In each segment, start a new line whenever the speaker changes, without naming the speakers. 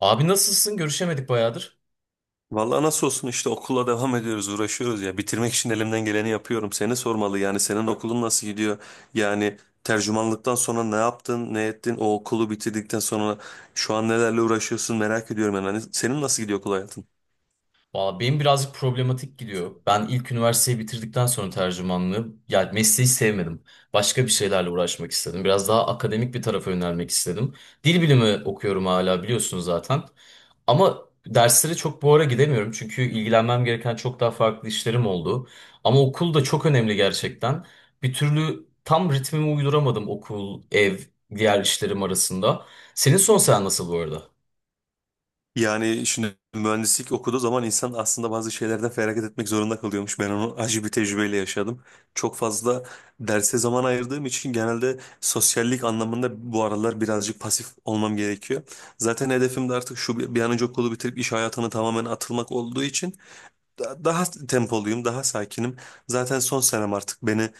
Abi nasılsın? Görüşemedik bayağıdır.
Vallahi nasıl olsun işte okula devam ediyoruz, uğraşıyoruz ya. Bitirmek için elimden geleni yapıyorum. Seni sormalı, yani senin okulun nasıl gidiyor? Yani tercümanlıktan sonra ne yaptın, ne ettin? O okulu bitirdikten sonra şu an nelerle uğraşıyorsun merak ediyorum yani. Hani senin nasıl gidiyor okul hayatın?
Valla benim birazcık problematik gidiyor. Ben ilk üniversiteyi bitirdikten sonra tercümanlığı, yani mesleği sevmedim. Başka bir şeylerle uğraşmak istedim. Biraz daha akademik bir tarafa yönelmek istedim. Dil bilimi okuyorum hala biliyorsun zaten. Ama derslere çok bu ara gidemiyorum. Çünkü ilgilenmem gereken çok daha farklı işlerim oldu. Ama okul da çok önemli gerçekten. Bir türlü tam ritmimi uyduramadım okul, ev, diğer işlerim arasında. Senin son sen nasıl bu arada?
Yani şimdi mühendislik okuduğu zaman insan aslında bazı şeylerden feragat etmek zorunda kalıyormuş. Ben onu acı bir tecrübeyle yaşadım. Çok fazla derse zaman ayırdığım için genelde sosyallik anlamında bu aralar birazcık pasif olmam gerekiyor. Zaten hedefim de artık şu bir an önce okulu bitirip iş hayatına tamamen atılmak olduğu için daha tempoluyum, daha sakinim. Zaten son senem artık beni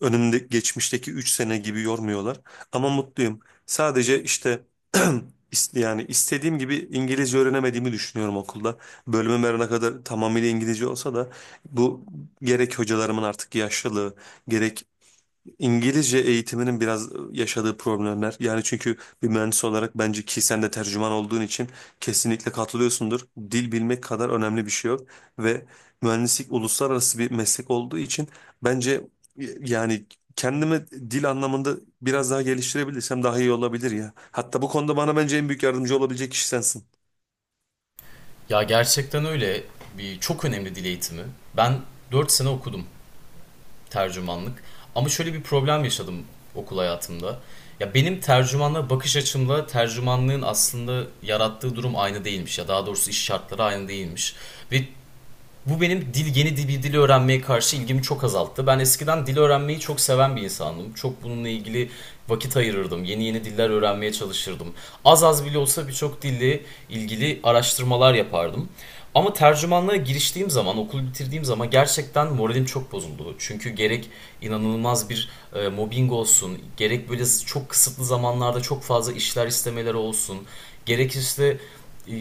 önümde geçmişteki 3 sene gibi yormuyorlar. Ama mutluyum. Sadece işte yani istediğim gibi İngilizce öğrenemediğimi düşünüyorum okulda. Bölümüm her ne kadar tamamıyla İngilizce olsa da bu gerek hocalarımın artık yaşlılığı, gerek İngilizce eğitiminin biraz yaşadığı problemler. Yani çünkü bir mühendis olarak bence ki sen de tercüman olduğun için kesinlikle katılıyorsundur. Dil bilmek kadar önemli bir şey yok. Ve mühendislik uluslararası bir meslek olduğu için bence yani kendimi dil anlamında biraz daha geliştirebilirsem daha iyi olabilir ya. Hatta bu konuda bana bence en büyük yardımcı olabilecek kişi sensin.
Ya gerçekten öyle bir çok önemli dil eğitimi. Ben 4 sene okudum tercümanlık. Ama şöyle bir problem yaşadım okul hayatımda. Ya benim tercümanla bakış açımla tercümanlığın aslında yarattığı durum aynı değilmiş, ya daha doğrusu iş şartları aynı değilmiş. Ve bu benim yeni bir dil öğrenmeye karşı ilgimi çok azalttı. Ben eskiden dil öğrenmeyi çok seven bir insandım. Çok bununla ilgili vakit ayırırdım. Yeni yeni diller öğrenmeye çalışırdım. Az az bile olsa birçok dille ilgili araştırmalar yapardım. Ama tercümanlığa giriştiğim zaman, okul bitirdiğim zaman gerçekten moralim çok bozuldu. Çünkü gerek inanılmaz bir mobbing olsun, gerek böyle çok kısıtlı zamanlarda çok fazla işler istemeleri olsun, gerek işte e,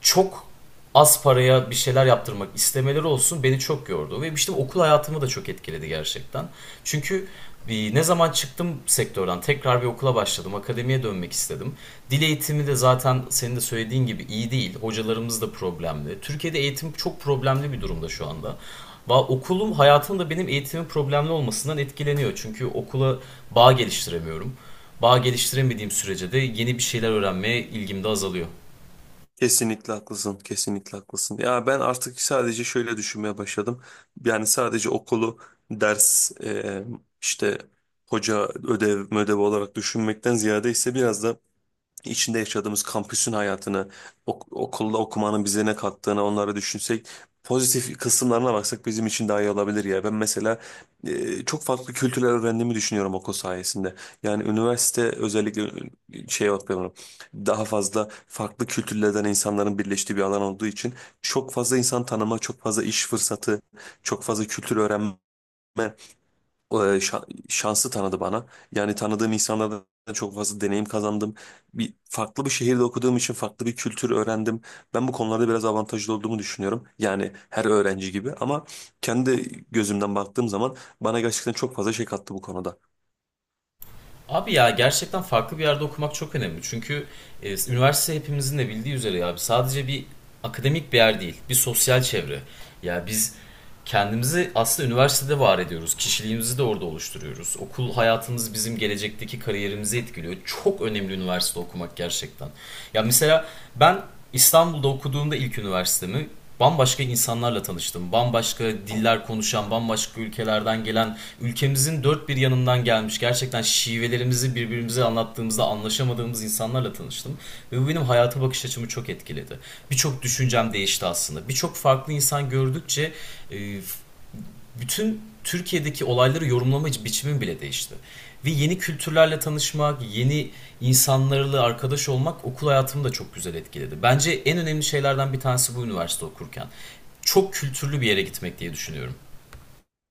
çok az paraya bir şeyler yaptırmak istemeleri olsun beni çok yordu. Ve işte okul hayatımı da çok etkiledi gerçekten. Çünkü e, ne zaman çıktım sektörden tekrar bir okula başladım. Akademiye dönmek istedim. Dil eğitimi de zaten senin de söylediğin gibi iyi değil. Hocalarımız da problemli. Türkiye'de eğitim çok problemli bir durumda şu anda. Okulum hayatım da benim eğitimin problemli olmasından etkileniyor. Çünkü okula bağ geliştiremiyorum. Bağ geliştiremediğim sürece de yeni bir şeyler öğrenmeye ilgim de azalıyor.
Kesinlikle haklısın, kesinlikle haklısın. Ya ben artık sadece şöyle düşünmeye başladım. Yani sadece okulu ders işte hoca ödev olarak düşünmekten ziyade ise biraz da içinde yaşadığımız kampüsün hayatını, okulda okumanın bize ne kattığını onları düşünsek, pozitif kısımlarına baksak bizim için daha iyi olabilir ya. Ben mesela çok farklı kültürler öğrendiğimi düşünüyorum okul sayesinde. Yani üniversite özellikle şey bakıyorum, daha fazla farklı kültürlerden insanların birleştiği bir alan olduğu için çok fazla insan tanıma, çok fazla iş fırsatı, çok fazla kültür öğrenme şansı tanıdı bana. Yani tanıdığım insanlardan çok fazla deneyim kazandım. Bir farklı bir şehirde okuduğum için farklı bir kültür öğrendim. Ben bu konularda biraz avantajlı olduğumu düşünüyorum. Yani her öğrenci gibi ama kendi gözümden baktığım zaman bana gerçekten çok fazla şey kattı bu konuda.
Abi ya gerçekten farklı bir yerde okumak çok önemli. Çünkü üniversite hepimizin de bildiği üzere ya sadece bir akademik bir yer değil, bir sosyal çevre. Ya biz kendimizi aslında üniversitede var ediyoruz. Kişiliğimizi de orada oluşturuyoruz. Okul hayatımız bizim gelecekteki kariyerimizi etkiliyor. Çok önemli üniversite okumak gerçekten. Ya mesela ben İstanbul'da okuduğumda ilk üniversitemi bambaşka insanlarla tanıştım. Bambaşka diller konuşan, bambaşka ülkelerden gelen, ülkemizin dört bir yanından gelmiş, gerçekten şivelerimizi birbirimize anlattığımızda anlaşamadığımız insanlarla tanıştım. Ve bu benim hayata bakış açımı çok etkiledi. Birçok düşüncem değişti aslında. Birçok farklı insan gördükçe e, bütün Türkiye'deki olayları yorumlama biçimim bile değişti. Ve yeni kültürlerle tanışmak, yeni insanlarla arkadaş olmak okul hayatımı da çok güzel etkiledi. Bence en önemli şeylerden bir tanesi bu üniversite okurken. Çok kültürlü bir yere gitmek diye düşünüyorum.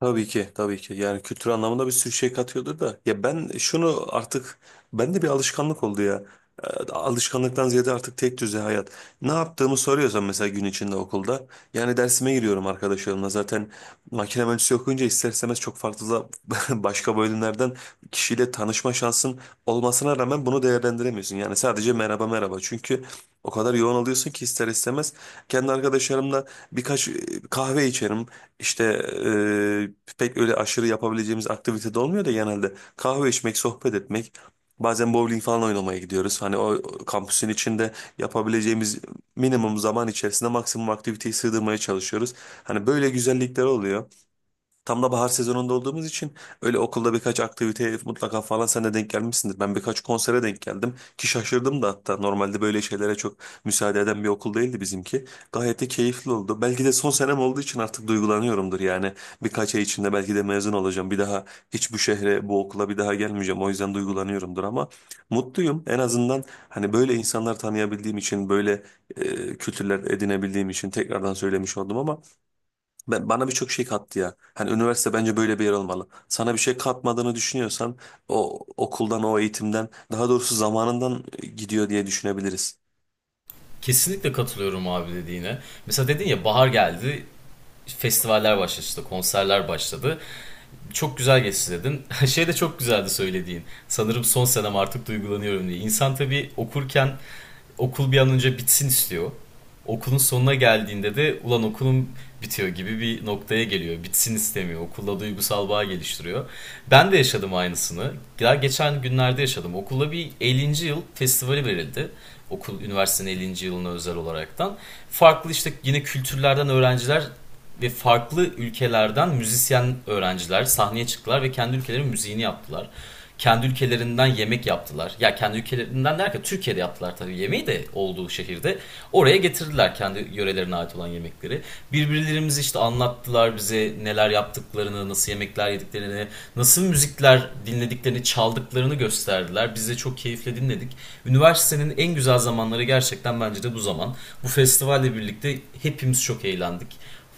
Tabii ki, tabii ki. Yani kültür anlamında bir sürü şey katıyordur da. Ya ben şunu artık, bende bir alışkanlık oldu ya. Alışkanlıktan ziyade artık tek düze hayat. Ne yaptığımı soruyorsan mesela gün içinde okulda. Yani dersime giriyorum arkadaşlarımla. Zaten makine mühendisliği okuyunca ister istemez çok farklı da başka bölümlerden kişiyle tanışma şansın olmasına rağmen bunu değerlendiremiyorsun. Yani sadece merhaba merhaba. Çünkü o kadar yoğun oluyorsun ki ister istemez. Kendi arkadaşlarımla birkaç kahve içerim. İşte pek öyle aşırı yapabileceğimiz aktivite de olmuyor da genelde kahve içmek, sohbet etmek, bazen bowling falan oynamaya gidiyoruz. Hani o kampüsün içinde yapabileceğimiz minimum zaman içerisinde maksimum aktiviteyi sığdırmaya çalışıyoruz. Hani böyle güzellikler oluyor. Tam da bahar sezonunda olduğumuz için öyle okulda birkaç aktiviteye mutlaka falan sen de denk gelmişsindir. Ben birkaç konsere denk geldim ki şaşırdım da, hatta normalde böyle şeylere çok müsaade eden bir okul değildi bizimki. Gayet de keyifli oldu. Belki de son senem olduğu için artık duygulanıyorumdur yani. Birkaç ay içinde belki de mezun olacağım. Bir daha hiç bu şehre, bu okula bir daha gelmeyeceğim. O yüzden duygulanıyorumdur ama mutluyum. En azından hani böyle insanlar tanıyabildiğim için, böyle kültürler edinebildiğim için tekrardan söylemiş oldum ama ben, bana birçok şey kattı ya. Hani üniversite bence böyle bir yer olmalı. Sana bir şey katmadığını düşünüyorsan o okuldan, o eğitimden, daha doğrusu zamanından gidiyor diye düşünebiliriz.
Kesinlikle katılıyorum abi dediğine. Mesela dedin ya bahar geldi, festivaller başladı, konserler başladı. Çok güzel geçti dedin. Şey de çok güzeldi söylediğin. Sanırım son senem artık duygulanıyorum diye. İnsan tabii okurken okul bir an önce bitsin istiyor. Okulun sonuna geldiğinde de ulan okulum bitiyor gibi bir noktaya geliyor. Bitsin istemiyor. Okulla duygusal bağ geliştiriyor. Ben de yaşadım aynısını. Daha geçen günlerde yaşadım. Okulda bir 50. yıl festivali verildi. Okul üniversitenin 50. yılına özel olaraktan. Farklı işte yine kültürlerden öğrenciler ve farklı ülkelerden müzisyen öğrenciler sahneye çıktılar ve kendi ülkelerinin müziğini yaptılar. Kendi ülkelerinden yemek yaptılar. Ya kendi ülkelerinden derken Türkiye'de yaptılar tabii yemeği de olduğu şehirde. Oraya getirdiler kendi yörelerine ait olan yemekleri. Birbirlerimizi işte anlattılar bize neler yaptıklarını, nasıl yemekler yediklerini, nasıl müzikler dinlediklerini, çaldıklarını gösterdiler. Biz de çok keyifle dinledik. Üniversitenin en güzel zamanları gerçekten bence de bu zaman. Bu festivalle birlikte hepimiz çok eğlendik,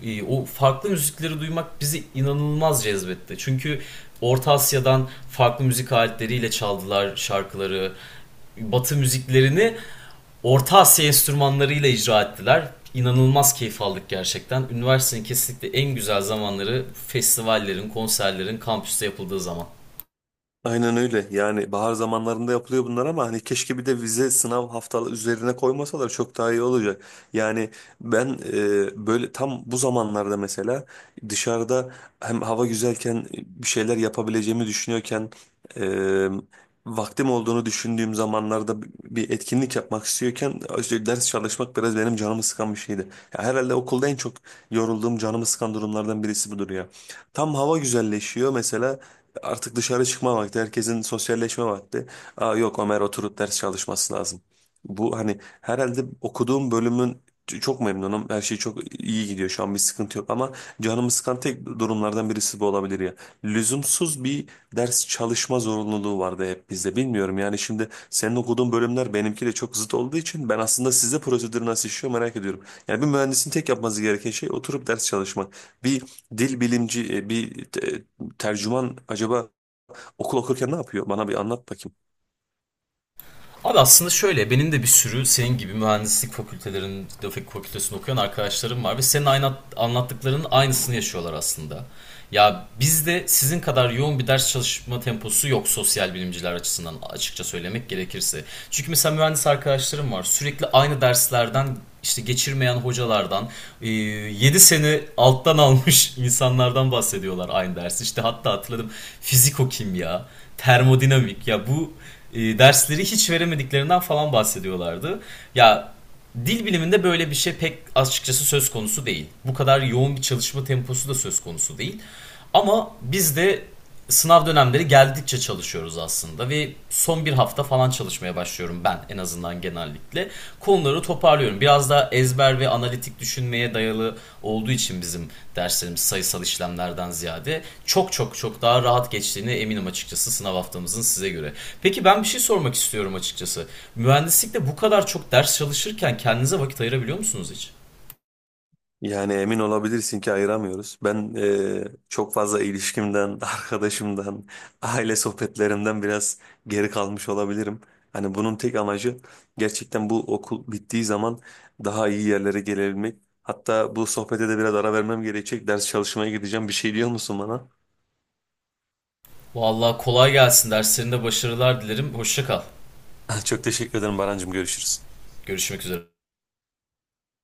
o farklı müzikleri duymak bizi inanılmaz cezbetti. Çünkü Orta Asya'dan farklı müzik aletleriyle çaldılar şarkıları. Batı müziklerini Orta Asya enstrümanlarıyla icra ettiler. İnanılmaz keyif aldık gerçekten. Üniversitenin kesinlikle en güzel zamanları festivallerin, konserlerin kampüste yapıldığı zaman.
Aynen öyle. Yani bahar zamanlarında yapılıyor bunlar ama hani keşke bir de vize sınav haftalı üzerine koymasalar çok daha iyi olacak. Yani ben böyle tam bu zamanlarda mesela dışarıda hem hava güzelken bir şeyler yapabileceğimi düşünüyorken e, vaktim olduğunu düşündüğüm zamanlarda bir etkinlik yapmak istiyorken işte ders çalışmak biraz benim canımı sıkan bir şeydi. Ya herhalde okulda en çok yorulduğum canımı sıkan durumlardan birisi budur ya. Tam hava güzelleşiyor mesela, artık dışarı çıkma vakti, herkesin sosyalleşme vakti. Aa, yok Ömer oturup ders çalışması lazım. Bu hani herhalde okuduğum bölümün çok memnunum. Her şey çok iyi gidiyor şu an, bir sıkıntı yok ama canımı sıkan tek durumlardan birisi bu olabilir ya. Lüzumsuz bir ders çalışma zorunluluğu vardı hep bizde. Bilmiyorum yani, şimdi senin okuduğun bölümler benimkiyle çok zıt olduğu için ben aslında size prosedür nasıl işliyor merak ediyorum. Yani bir mühendisin tek yapması gereken şey oturup ders çalışmak. Bir dil bilimci, bir tercüman acaba okul okurken ne yapıyor? Bana bir anlat bakayım.
Abi aslında şöyle benim de bir sürü senin gibi mühendislik fakültelerinin grafik fakültesini okuyan arkadaşlarım var ve senin aynı anlattıklarının aynısını yaşıyorlar aslında. Ya bizde sizin kadar yoğun bir ders çalışma temposu yok sosyal bilimciler açısından açıkça söylemek gerekirse. Çünkü mesela mühendis arkadaşlarım var sürekli aynı derslerden işte geçirmeyen hocalardan 7 sene alttan almış insanlardan bahsediyorlar aynı dersi. İşte hatta hatırladım fiziko kimya, termodinamik ya bu dersleri hiç veremediklerinden falan bahsediyorlardı. Ya dil biliminde böyle bir şey pek açıkçası söz konusu değil. Bu kadar yoğun bir çalışma temposu da söz konusu değil. Ama biz de sınav dönemleri geldikçe çalışıyoruz aslında ve son bir hafta falan çalışmaya başlıyorum, ben en azından genelde konuları toparlıyorum. Biraz daha ezber ve analitik düşünmeye dayalı olduğu için bizim derslerimiz sayısal işlemlerden ziyade çok çok çok daha rahat geçtiğine eminim açıkçası sınav haftamızın size göre. Peki ben bir şey sormak istiyorum açıkçası. Mühendislikte bu kadar çok ders çalışırken kendinize vakit ayırabiliyor musunuz hiç?
Yani emin olabilirsin ki ayıramıyoruz. Ben çok fazla ilişkimden, arkadaşımdan, aile sohbetlerimden biraz geri kalmış olabilirim. Hani bunun tek amacı gerçekten bu okul bittiği zaman daha iyi yerlere gelebilmek. Hatta bu sohbete de biraz ara vermem gerekecek. Ders çalışmaya gideceğim. Bir şey diyor musun bana?
Vallahi kolay gelsin. Derslerinde başarılar dilerim. Hoşça kal.
Çok teşekkür ederim Barancığım. Görüşürüz.
Görüşmek üzere.